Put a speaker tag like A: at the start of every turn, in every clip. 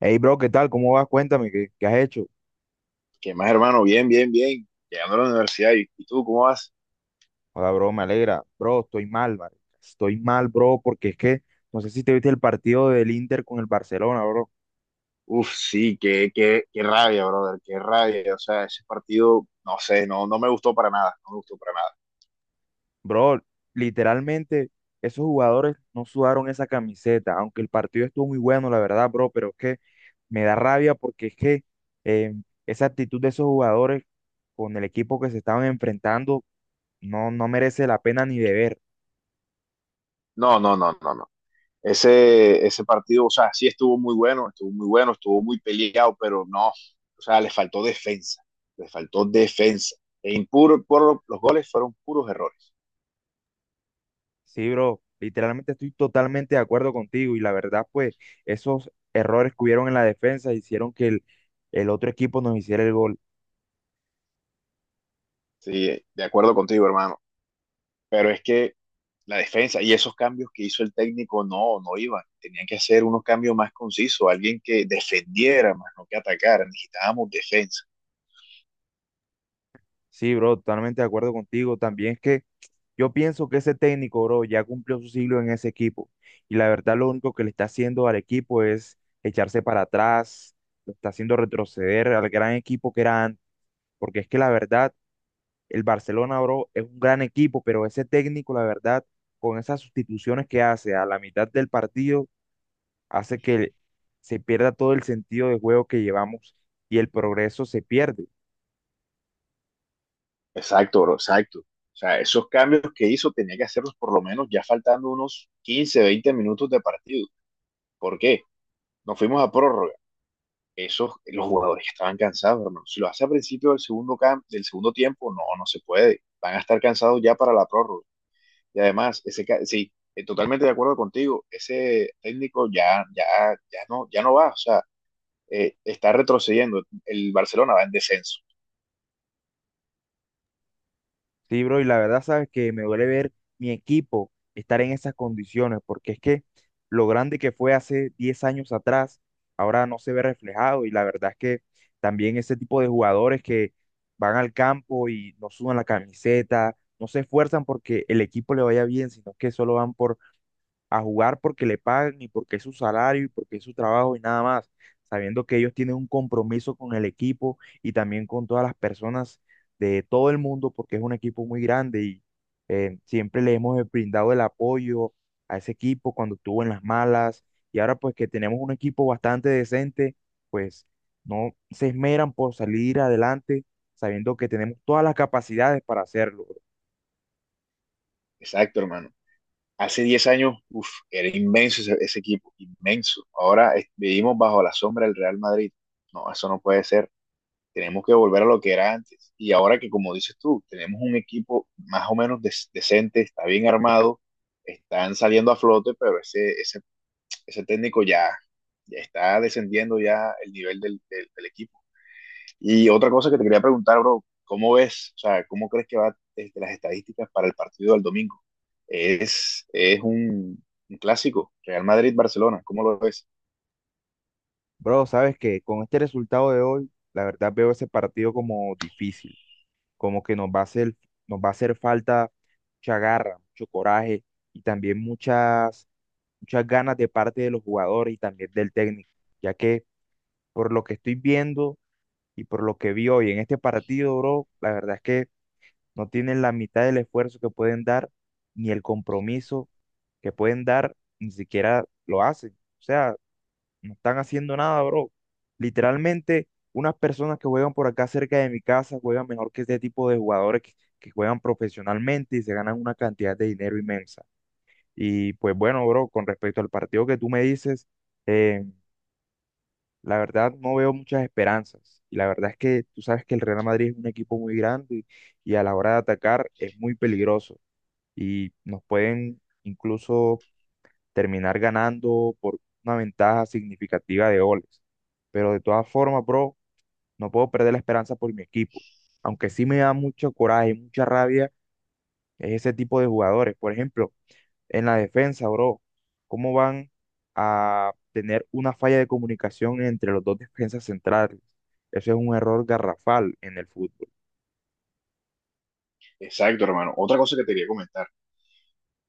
A: Hey, bro, ¿qué tal? ¿Cómo vas? Cuéntame, ¿qué has hecho?
B: ¿Qué más, hermano? Bien, bien, bien. Llegando a la universidad. ¿Y tú cómo vas?
A: Hola, bro, me alegra. Bro, estoy mal, marica. Estoy mal, bro, porque es que no sé si te viste el partido del Inter con el Barcelona, bro.
B: Uf, sí, qué rabia, brother, qué rabia. O sea, ese partido, no sé, no me gustó para nada, no me gustó para nada.
A: Bro, literalmente, esos jugadores no sudaron esa camiseta, aunque el partido estuvo muy bueno, la verdad, bro, pero es que me da rabia porque es que eh, esa actitud de esos jugadores con el equipo que se estaban enfrentando no merece la pena ni de ver.
B: No, no, no, no, no. Ese partido, o sea, sí estuvo muy bueno, estuvo muy bueno, estuvo muy peleado, pero no, o sea, le faltó defensa, le faltó defensa. E impuro, por, los goles fueron puros errores.
A: Sí, bro, literalmente estoy totalmente de acuerdo contigo y la verdad, pues esos errores que hubieron en la defensa hicieron que el otro equipo nos hiciera el gol.
B: Sí, de acuerdo contigo, hermano. Pero es que la defensa y esos cambios que hizo el técnico no iban. Tenían que hacer unos cambios más concisos, alguien que defendiera más, no que atacara. Necesitábamos defensa.
A: Sí, bro, totalmente de acuerdo contigo. También es que yo pienso que ese técnico, bro, ya cumplió su siglo en ese equipo y la verdad lo único que le está haciendo al equipo es echarse para atrás, lo está haciendo retroceder al gran equipo que era antes, porque es que la verdad el Barcelona, bro, es un gran equipo, pero ese técnico, la verdad, con esas sustituciones que hace a la mitad del partido, hace que se pierda todo el sentido de juego que llevamos y el progreso se pierde.
B: Exacto, bro, exacto. O sea, esos cambios que hizo tenía que hacerlos por lo menos ya faltando unos 15-20 minutos de partido. ¿Por qué? Nos fuimos a prórroga. Esos, los jugadores estaban cansados, hermano. Si lo hace al principio del segundo, del segundo tiempo, no se puede. Van a estar cansados ya para la prórroga. Y además, ese, sí, totalmente de acuerdo contigo, ese técnico ya no, ya no va, o sea, está retrocediendo, el Barcelona va en descenso.
A: Sí, bro, y la verdad, sabes que me duele ver mi equipo estar en esas condiciones, porque es que lo grande que fue hace 10 años atrás, ahora no se ve reflejado, y la verdad es que también ese tipo de jugadores que van al campo y no sudan la camiseta, no se esfuerzan porque el equipo le vaya bien, sino que solo van por a jugar porque le pagan y porque es su salario y porque es su trabajo y nada más, sabiendo que ellos tienen un compromiso con el equipo y también con todas las personas de todo el mundo porque es un equipo muy grande y siempre le hemos brindado el apoyo a ese equipo cuando estuvo en las malas y ahora pues que tenemos un equipo bastante decente, pues no se esmeran por salir adelante sabiendo que tenemos todas las capacidades para hacerlo.
B: Exacto, hermano. Hace 10 años, uf, era inmenso ese equipo, inmenso. Ahora vivimos bajo la sombra del Real Madrid. No, eso no puede ser. Tenemos que volver a lo que era antes. Y ahora que, como dices tú, tenemos un equipo más o menos decente, está bien armado, están saliendo a flote, pero ese técnico ya, ya está descendiendo ya el nivel del equipo. Y otra cosa que te quería preguntar, bro, ¿cómo ves, o sea, cómo crees que va este, las estadísticas para el partido del domingo? Es un clásico, Real Madrid-Barcelona, ¿cómo lo ves?
A: Bro, sabes que con este resultado de hoy, la verdad veo ese partido como difícil, como que nos va a hacer falta mucha garra, mucho coraje y también muchas ganas de parte de los jugadores y también del técnico, ya que por lo que estoy viendo y por lo que vi hoy en este partido, bro, la verdad es que no tienen la mitad del esfuerzo que pueden dar, ni el compromiso que pueden dar, ni siquiera lo hacen. O sea, no están haciendo nada, bro. Literalmente, unas personas que juegan por acá cerca de mi casa juegan mejor que este tipo de que juegan profesionalmente y se ganan una cantidad de dinero inmensa. Y pues bueno, bro, con respecto al partido que tú me dices, eh, la verdad no veo muchas esperanzas. Y la verdad es que tú sabes que el Real Madrid es un equipo muy grande y a la hora de atacar es muy peligroso. Y nos pueden incluso terminar ganando por una ventaja significativa de goles. Pero de todas formas, bro, no puedo perder la esperanza por mi equipo. Aunque sí me da mucho coraje y mucha rabia es ese tipo de jugadores. Por ejemplo, en la defensa, bro, ¿cómo van a tener una falla de comunicación entre los dos defensas centrales? Eso es un error garrafal en el fútbol.
B: Exacto, hermano. Otra cosa que te quería comentar,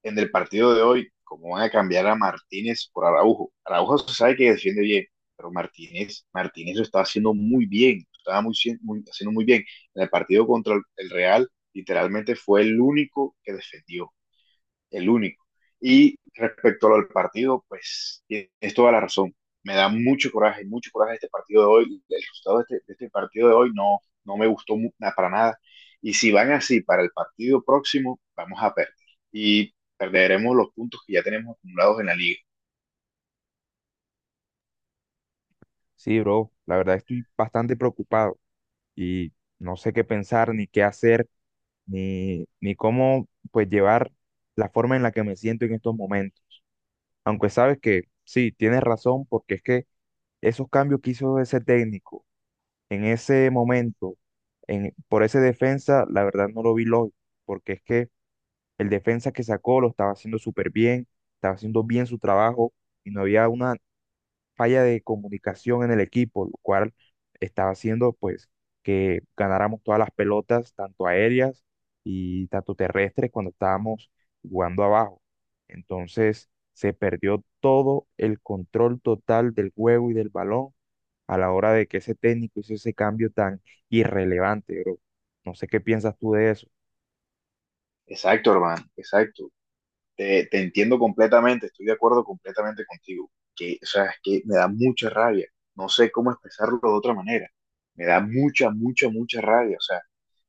B: en el partido de hoy, cómo van a cambiar a Martínez por Araujo. Araujo se sabe que defiende bien, pero Martínez, Martínez lo estaba haciendo muy bien, lo estaba muy, muy, haciendo muy bien. En el partido contra el Real, literalmente fue el único que defendió el único. Y respecto al partido, pues es toda la razón. Me da mucho coraje este partido de hoy. El resultado de este partido de hoy no me gustó para nada. Y si van así para el partido próximo, vamos a perder. Y perderemos los puntos que ya tenemos acumulados en la liga.
A: Sí, bro, la verdad estoy bastante preocupado y no sé qué pensar ni qué hacer ni cómo pues llevar la forma en la que me siento en estos momentos. Aunque sabes que sí, tienes razón, porque es que esos cambios que hizo ese técnico en ese momento, en, por ese defensa, la verdad no lo vi lógico, porque es que el defensa que sacó lo estaba haciendo súper bien, estaba haciendo bien su trabajo y no había una falla de comunicación en el equipo, lo cual estaba haciendo pues que ganáramos todas las pelotas, tanto aéreas y tanto terrestres, cuando estábamos jugando abajo. Entonces se perdió todo el control total del juego y del balón a la hora de que ese técnico hizo ese cambio tan irrelevante, bro. No sé qué piensas tú de eso.
B: Exacto, hermano, exacto. Te entiendo completamente, estoy de acuerdo completamente contigo. Que, o sea, es que me da mucha rabia. No sé cómo expresarlo de otra manera. Me da mucha, mucha, mucha rabia. O sea,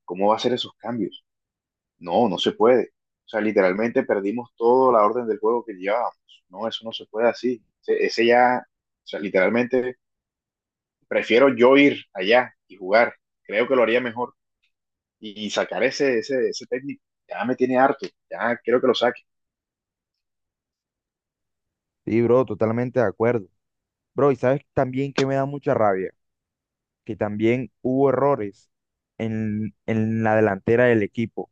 B: ¿cómo va a ser esos cambios? No se puede. O sea, literalmente perdimos toda la orden del juego que llevábamos. No, eso no se puede así. Ese ya, o sea, literalmente prefiero yo ir allá y jugar. Creo que lo haría mejor. Y sacar ese técnico ya me tiene harto. Ya quiero que lo saque.
A: Sí, bro, totalmente de acuerdo. Bro, y sabes también que me da mucha rabia, que también hubo errores en la delantera del equipo.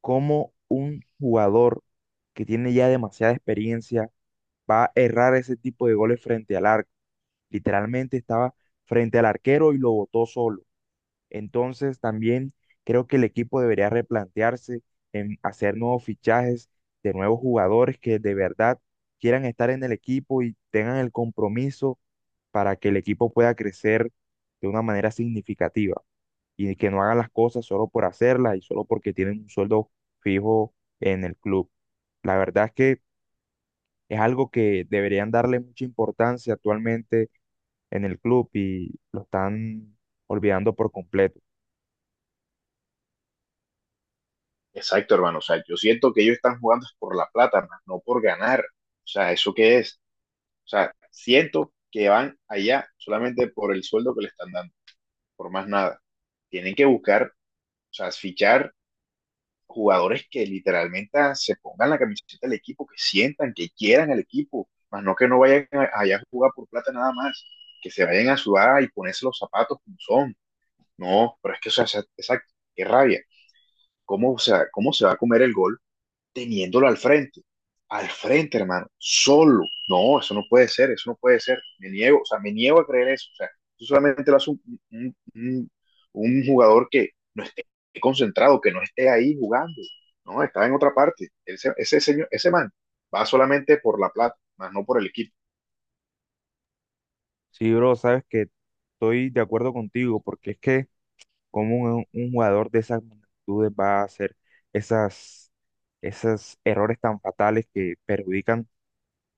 A: ¿Cómo un jugador que tiene ya demasiada experiencia va a errar ese tipo de goles frente al arco? Literalmente estaba frente al arquero y lo botó solo. Entonces también creo que el equipo debería replantearse en hacer nuevos fichajes de nuevos jugadores que de verdad quieran estar en el equipo y tengan el compromiso para que el equipo pueda crecer de una manera significativa y que no hagan las cosas solo por hacerlas y solo porque tienen un sueldo fijo en el club. La verdad es que es algo que deberían darle mucha importancia actualmente en el club y lo están olvidando por completo.
B: Exacto, hermano. O sea, yo siento que ellos están jugando es por la plata, más no por ganar. O sea, ¿eso qué es? O sea, siento que van allá solamente por el sueldo que le están dando, por más nada. Tienen que buscar, o sea, fichar jugadores que literalmente se pongan la camiseta del equipo, que sientan, que quieran el equipo, más no que no vayan allá a jugar por plata nada más, que se vayan a sudar y ponerse los zapatos como son. No, pero es que, o sea, exacto, qué rabia. ¿Cómo, o sea, cómo se va a comer el gol? Teniéndolo al frente, hermano, solo. No, eso no puede ser, eso no puede ser. Me niego, o sea, me niego a creer eso. O sea, eso solamente lo hace un un jugador que no esté concentrado, que no esté ahí jugando. No, estaba en otra parte. Ese señor, ese man va solamente por la plata, más no por el equipo.
A: Sí, bro, sabes que estoy de acuerdo contigo porque es que como un jugador de esas magnitudes va a hacer esas, esos errores tan fatales que perjudican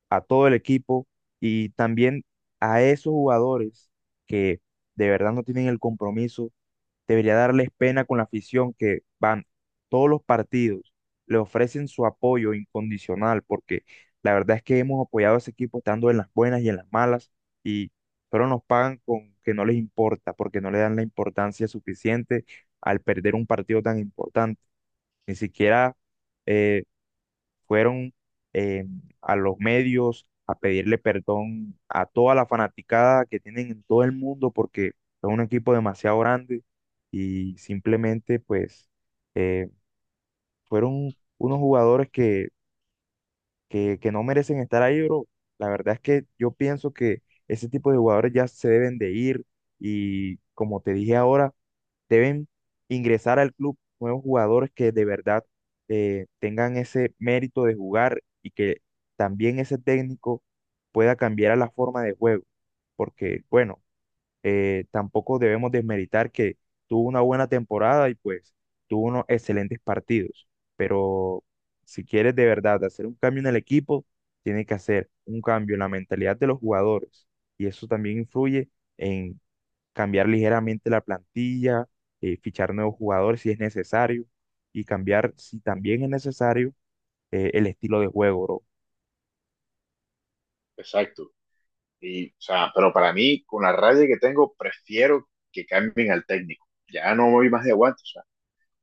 A: a todo el equipo y también a esos jugadores que de verdad no tienen el compromiso, debería darles pena con la afición que van todos los partidos, le ofrecen su apoyo incondicional, porque la verdad es que hemos apoyado a ese equipo estando en las buenas y en las malas, y pero nos pagan con que no les importa, porque no le dan la importancia suficiente al perder un partido tan importante. Ni siquiera eh, fueron eh, a los medios a pedirle perdón a toda la fanaticada que tienen en todo el mundo porque son un equipo demasiado grande y simplemente pues eh, fueron unos que no merecen estar ahí, bro. La verdad es que yo pienso que ese tipo de jugadores ya se deben de ir y como te dije ahora, deben ingresar al club nuevos jugadores que de verdad tengan ese mérito de jugar y que también ese técnico pueda cambiar a la forma de juego, porque bueno, tampoco debemos desmeritar que tuvo una buena temporada y pues tuvo unos excelentes partidos, pero si quieres de verdad hacer un cambio en el equipo, tienes que hacer un cambio en la mentalidad de los jugadores y eso también influye en cambiar ligeramente la plantilla, fichar nuevos jugadores si es necesario y cambiar, si también es necesario, el estilo de juego, bro.
B: Exacto. O sea, pero para mí, con la rabia que tengo, prefiero que cambien al técnico. Ya no voy más de aguantos.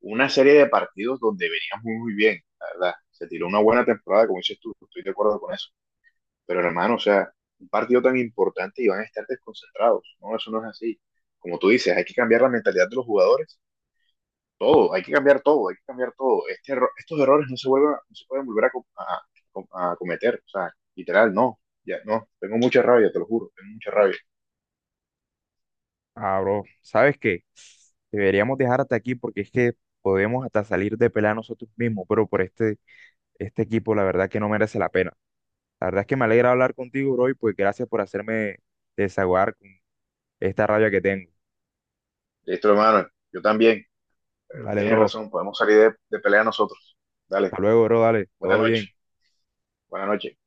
B: Una serie de partidos donde veníamos muy, muy bien, la verdad. Se tiró una buena temporada, como dices tú, estoy de acuerdo con eso. Pero hermano, o sea, un partido tan importante y van a estar desconcentrados. No, eso no es así. Como tú dices, hay que cambiar la mentalidad de los jugadores. Todo, hay que cambiar todo, hay que cambiar todo. Estos errores no se vuelven, no se pueden volver a, co- a cometer. O sea, literal, no. Ya, no, tengo mucha rabia, te lo juro, tengo mucha rabia.
A: Ah, bro, ¿sabes qué? Deberíamos dejar hasta aquí porque es que podemos hasta salir de pelea nosotros mismos, pero por este equipo la verdad que no merece la pena. La verdad es que me alegra hablar contigo, bro, y pues gracias por hacerme desahogar con esta rabia que tengo.
B: Listo, hermano, yo también. Pero
A: Dale,
B: tienes
A: bro.
B: razón, podemos salir de pelea nosotros. Dale,
A: Hasta luego, bro. Dale.
B: buena
A: Todo bien.
B: noche, buena noche.